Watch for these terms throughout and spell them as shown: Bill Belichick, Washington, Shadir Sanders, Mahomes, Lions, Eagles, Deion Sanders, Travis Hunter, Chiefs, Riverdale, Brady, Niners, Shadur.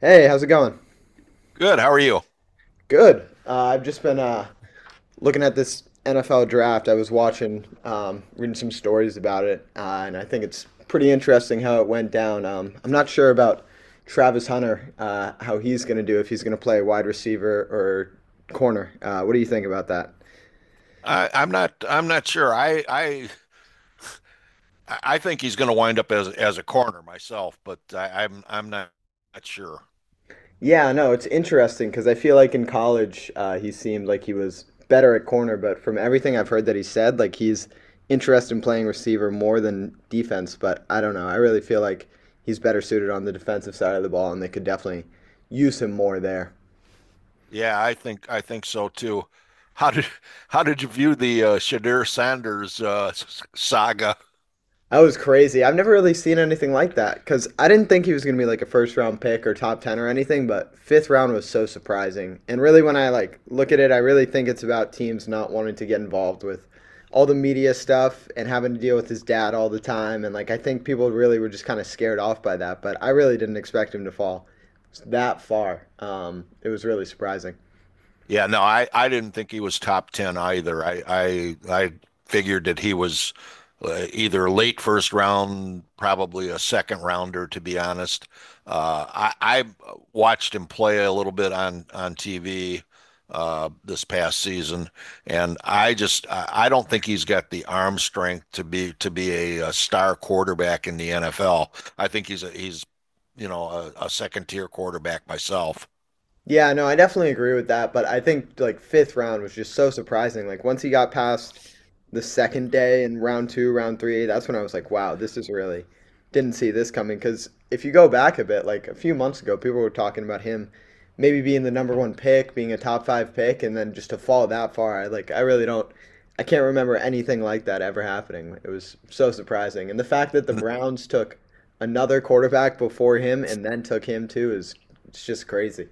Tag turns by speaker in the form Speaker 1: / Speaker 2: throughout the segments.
Speaker 1: Hey, how's it going?
Speaker 2: Good. How are you?
Speaker 1: Good. I've just been looking at this NFL draft. I was reading some stories about it, and I think it's pretty interesting how it went down. I'm not sure about Travis Hunter, how he's going to do, if he's going to play wide receiver or corner. What do you think about that?
Speaker 2: I'm not. I'm not sure. I think he's going to wind up as a corner myself, but I, I'm. I'm not sure.
Speaker 1: Yeah, no, it's interesting because I feel like in college, he seemed like he was better at corner, but from everything I've heard that he said, like he's interested in playing receiver more than defense. But I don't know. I really feel like he's better suited on the defensive side of the ball, and they could definitely use him more there.
Speaker 2: Yeah, I think. I think so too. How did How did you view the Shadir Sanders saga?
Speaker 1: That was crazy. I've never really seen anything like that because I didn't think he was going to be like a first round pick or top 10 or anything, but fifth round was so surprising. And really, when I like look at it, I really think it's about teams not wanting to get involved with all the media stuff and having to deal with his dad all the time. And like, I think people really were just kind of scared off by that, but I really didn't expect him to fall that far. It was really surprising.
Speaker 2: Yeah, no, I didn't think he was top 10 either. I figured that he was either late first round, probably a second rounder, to be honest. I watched him play a little bit on TV this past season, and I just I don't think he's got the arm strength to be a star quarterback in the NFL. I think he's you know a second tier quarterback myself.
Speaker 1: Yeah, no, I definitely agree with that, but I think like fifth round was just so surprising. Like once he got past the second day in round two, round three, that's when I was like, wow, this is really didn't see this coming. Because if you go back a bit, like a few months ago, people were talking about him maybe being the number one pick, being a top five pick, and then just to fall that far, I like I really don't, I can't remember anything like that ever happening. It was so surprising, and the fact that the Browns took another quarterback before him and then took him too is it's just crazy.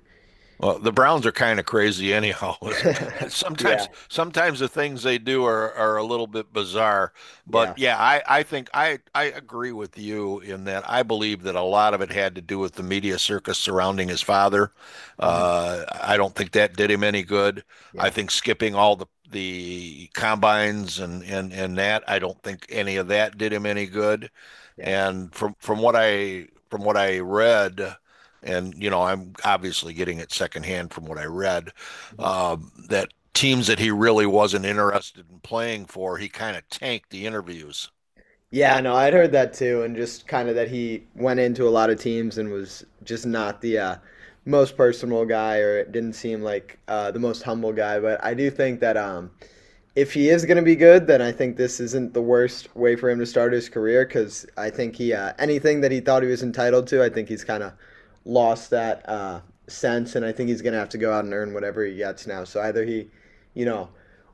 Speaker 2: Well, the Browns are kind of crazy anyhow. It's-
Speaker 1: Yeah,
Speaker 2: Sometimes the things they do are a little bit bizarre. But
Speaker 1: yeah,
Speaker 2: yeah, I think I agree with you in that I believe that a lot of it had to do with the media circus surrounding his father.
Speaker 1: mhm,
Speaker 2: I don't think that did him any good. I
Speaker 1: yeah,
Speaker 2: think skipping all the combines and that, I don't think any of that did him any good.
Speaker 1: yeah,
Speaker 2: And from what I from what I read and you know, I'm obviously getting it secondhand from what I read,
Speaker 1: mhm.
Speaker 2: that teams that he really wasn't interested in playing for, he kind of tanked the interviews.
Speaker 1: Yeah, no, I'd heard that too, and just kind of that he went into a lot of teams and was just not the most personal guy, or it didn't seem like the most humble guy. But I do think that if he is going to be good, then I think this isn't the worst way for him to start his career because I think he anything that he thought he was entitled to, I think he's kind of lost that sense, and I think he's going to have to go out and earn whatever he gets now. So either he, you know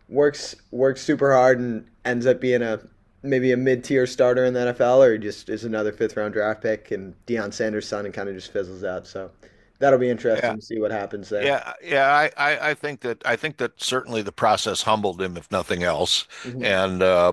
Speaker 1: works super hard and ends up being a maybe a mid tier starter in the NFL, or just is another fifth round draft pick and Deion Sanders' son and kind of just fizzles out. So that'll be interesting
Speaker 2: Yeah.
Speaker 1: to see what happens there.
Speaker 2: Yeah, yeah, I think that I think that certainly the process humbled him, if nothing else.
Speaker 1: Hmm.
Speaker 2: And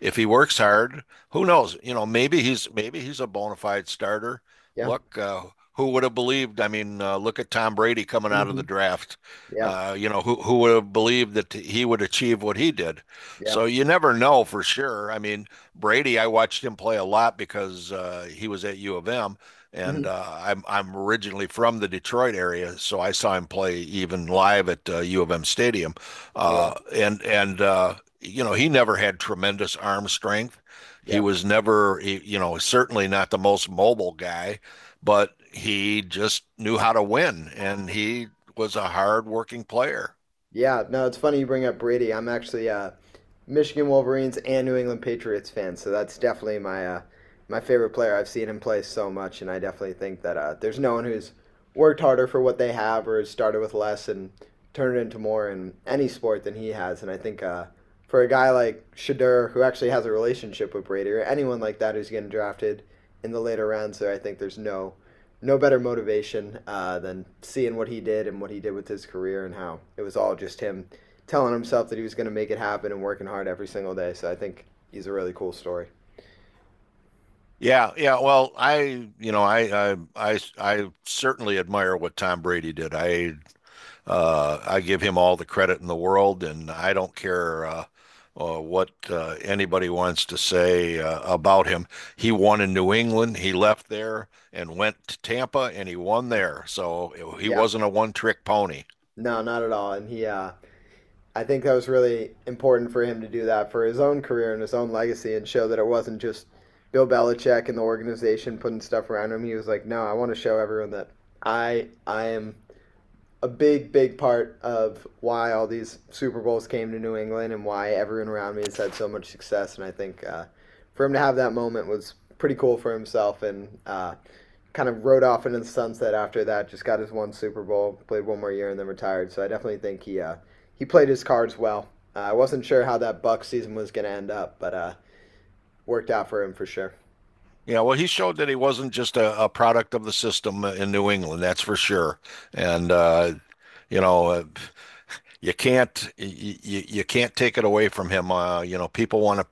Speaker 2: if he works hard, who knows? You know, maybe he's a bona fide starter.
Speaker 1: Yeah.
Speaker 2: Look, who would have believed? I mean, look at Tom Brady coming out of the
Speaker 1: Hmm.
Speaker 2: draft.
Speaker 1: Yeah.
Speaker 2: You know, who would have believed that he would achieve what he did?
Speaker 1: Yeah.
Speaker 2: So you never know for sure. I mean, Brady, I watched him play a lot because he was at U of M
Speaker 1: Hmm.
Speaker 2: and uh, I'm originally from the Detroit area, so I saw him play even live at U of M Stadium,
Speaker 1: Oh
Speaker 2: uh,
Speaker 1: wow.
Speaker 2: and and uh, you know he never had tremendous arm strength. He
Speaker 1: Yeah.
Speaker 2: was never, you know, certainly not the most mobile guy, but he just knew how to win, and he was a hard-working player.
Speaker 1: Yeah, no, it's funny you bring up Brady. I'm actually Michigan Wolverines and New England Patriots fan, so that's definitely my favorite player. I've seen him play so much, and I definitely think that there's no one who's worked harder for what they have or has started with less and turned it into more in any sport than he has. And I think for a guy like Shadur, who actually has a relationship with Brady, or anyone like that who's getting drafted in the later rounds, I think there's no better motivation than seeing what he did and what he did with his career and how it was all just him telling himself that he was going to make it happen and working hard every single day. So I think he's a really cool story.
Speaker 2: Yeah, yeah. Well, I, you know, I certainly admire what Tom Brady did. I give him all the credit in the world, and I don't care what anybody wants to say about him. He won in New England. He left there and went to Tampa, and he won there. So he
Speaker 1: Yeah,
Speaker 2: wasn't a one-trick pony.
Speaker 1: no, not at all. And I think that was really important for him to do that for his own career and his own legacy and show that it wasn't just Bill Belichick and the organization putting stuff around him. He was like, no, I want to show everyone that I am a big, big part of why all these Super Bowls came to New England and why everyone around me has had so much success. And I think for him to have that moment was pretty cool for himself and kind of rode off into the sunset after that. Just got his one Super Bowl, played one more year, and then retired. So I definitely think he played his cards well. I wasn't sure how that Buck season was going to end up, but worked out for him for sure.
Speaker 2: Yeah, well, he showed that he wasn't just a product of the system in New England, that's for sure. And you know, you can't can't take it away from him. You know, people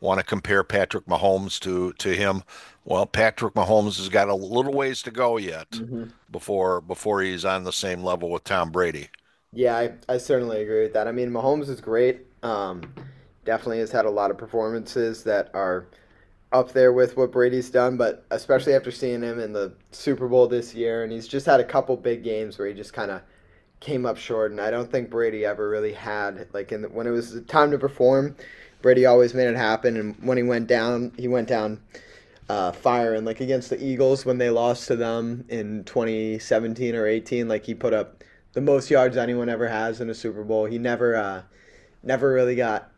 Speaker 2: want to compare Patrick Mahomes to him. Well, Patrick Mahomes has got a little ways to go yet
Speaker 1: Mm-hmm.
Speaker 2: before he's on the same level with Tom Brady.
Speaker 1: Yeah, I certainly agree with that. I mean, Mahomes is great. Definitely has had a lot of performances that are up there with what Brady's done, but especially after seeing him in the Super Bowl this year, and he's just had a couple big games where he just kind of came up short. And I don't think Brady ever really had like when it was time to perform, Brady always made it happen. And when he went down fire and like against the Eagles when they lost to them in 2017 or 18, like he put up the most yards anyone ever has in a Super Bowl. He never really got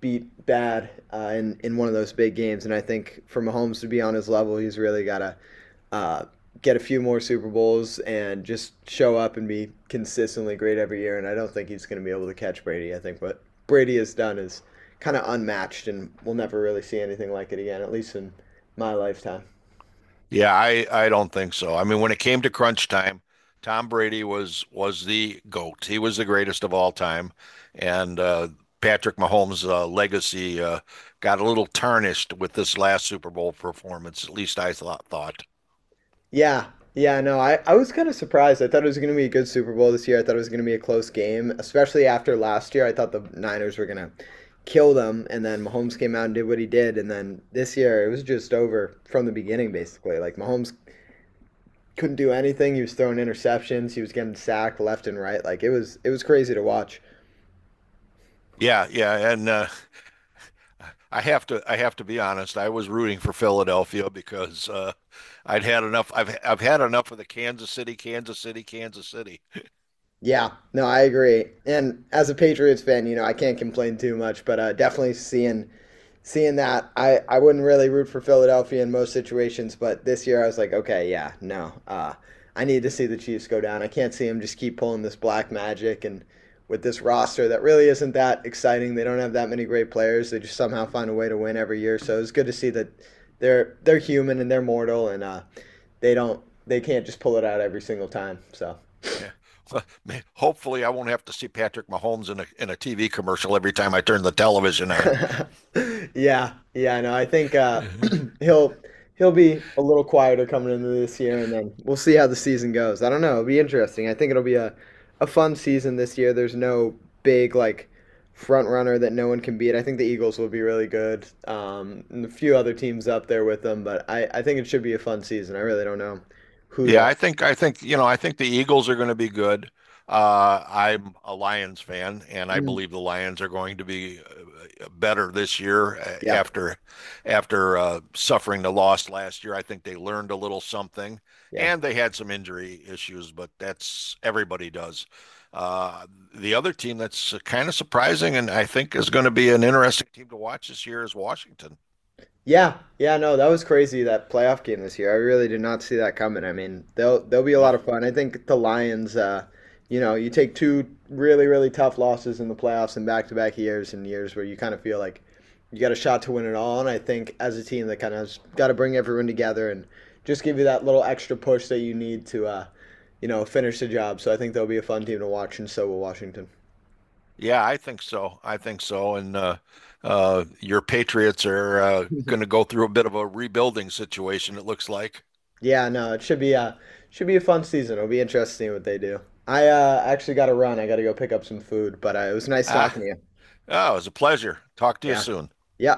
Speaker 1: beat bad in one of those big games. And I think for Mahomes to be on his level, he's really got to uh, get a few more Super Bowls and just show up and be consistently great every year. And I don't think he's going to be able to catch Brady. I think what Brady has done is kind of unmatched, and we'll never really see anything like it again, at least in my lifetime.
Speaker 2: Yeah, I don't think so. I mean, when it came to crunch time, Tom Brady was the goat. He was the greatest of all time, and Patrick Mahomes' legacy got a little tarnished with this last Super Bowl performance. At least I thought.
Speaker 1: Yeah. Yeah, no, I was kind of surprised. I thought it was going to be a good Super Bowl this year. I thought it was going to be a close game, especially after last year. I thought the Niners were going to kill them, and then Mahomes came out and did what he did. And then this year, it was just over from the beginning, basically. Like Mahomes couldn't do anything. He was throwing interceptions. He was getting sacked left and right. Like it was crazy to watch.
Speaker 2: Yeah, yeah, and I have to be honest. I was rooting for Philadelphia because I'd had enough. I've had enough of the Kansas City, Kansas City, Kansas City.
Speaker 1: Yeah, no, I agree. And as a Patriots fan, you know, I can't complain too much, but definitely seeing that, I wouldn't really root for Philadelphia in most situations, but this year I was like, okay, yeah, no, I need to see the Chiefs go down. I can't see them just keep pulling this black magic and with this roster that really isn't that exciting. They don't have that many great players. They just somehow find a way to win every year. So it's good to see that they're human and they're mortal and they don't they can't just pull it out every single time. So.
Speaker 2: Yeah. Well, hopefully, I won't have to see Patrick Mahomes in a TV commercial every time I turn the television on.
Speaker 1: Yeah, yeah, no, I think he'll he'll be a little quieter coming into this year, and then we'll see how the season goes. I don't know; it'll be interesting. I think it'll be a fun season this year. There's no big like front runner that no one can beat. I think the Eagles will be really good, and a few other teams up there with them, but I think it should be a fun season. I really don't know who
Speaker 2: Yeah,
Speaker 1: the
Speaker 2: I think you know I think the Eagles are going to be good. I'm a Lions fan, and I
Speaker 1: Mm.
Speaker 2: believe the Lions are going to be better this year
Speaker 1: Yeah,
Speaker 2: after suffering the loss last year. I think they learned a little something,
Speaker 1: yeah.
Speaker 2: and they had some injury issues, but that's everybody does. Uh, the other team that's kind of surprising, and I think is going to be an interesting team to watch this year is Washington.
Speaker 1: Yeah, yeah, no, that was crazy that playoff game this year. I really did not see that coming. I mean, they'll be a lot
Speaker 2: No,
Speaker 1: of fun. I think the Lions, you take two really really tough losses in the playoffs in back to back years and years where you kind of feel like you got a shot to win it all. And I think as a team, they kind of got to bring everyone together and just give you that little extra push that you need to finish the job. So I think they'll be a fun team to watch, and so will Washington.
Speaker 2: yeah, I think so. And your Patriots are going to go through a bit of a rebuilding situation, it looks like.
Speaker 1: Yeah, no, it should be a fun season. It'll be interesting what they do. I actually got to run. I got to go pick up some food, but it was nice
Speaker 2: Ah,
Speaker 1: talking to you.
Speaker 2: oh, it was a pleasure. Talk to you
Speaker 1: Yeah.
Speaker 2: soon.
Speaker 1: Yeah.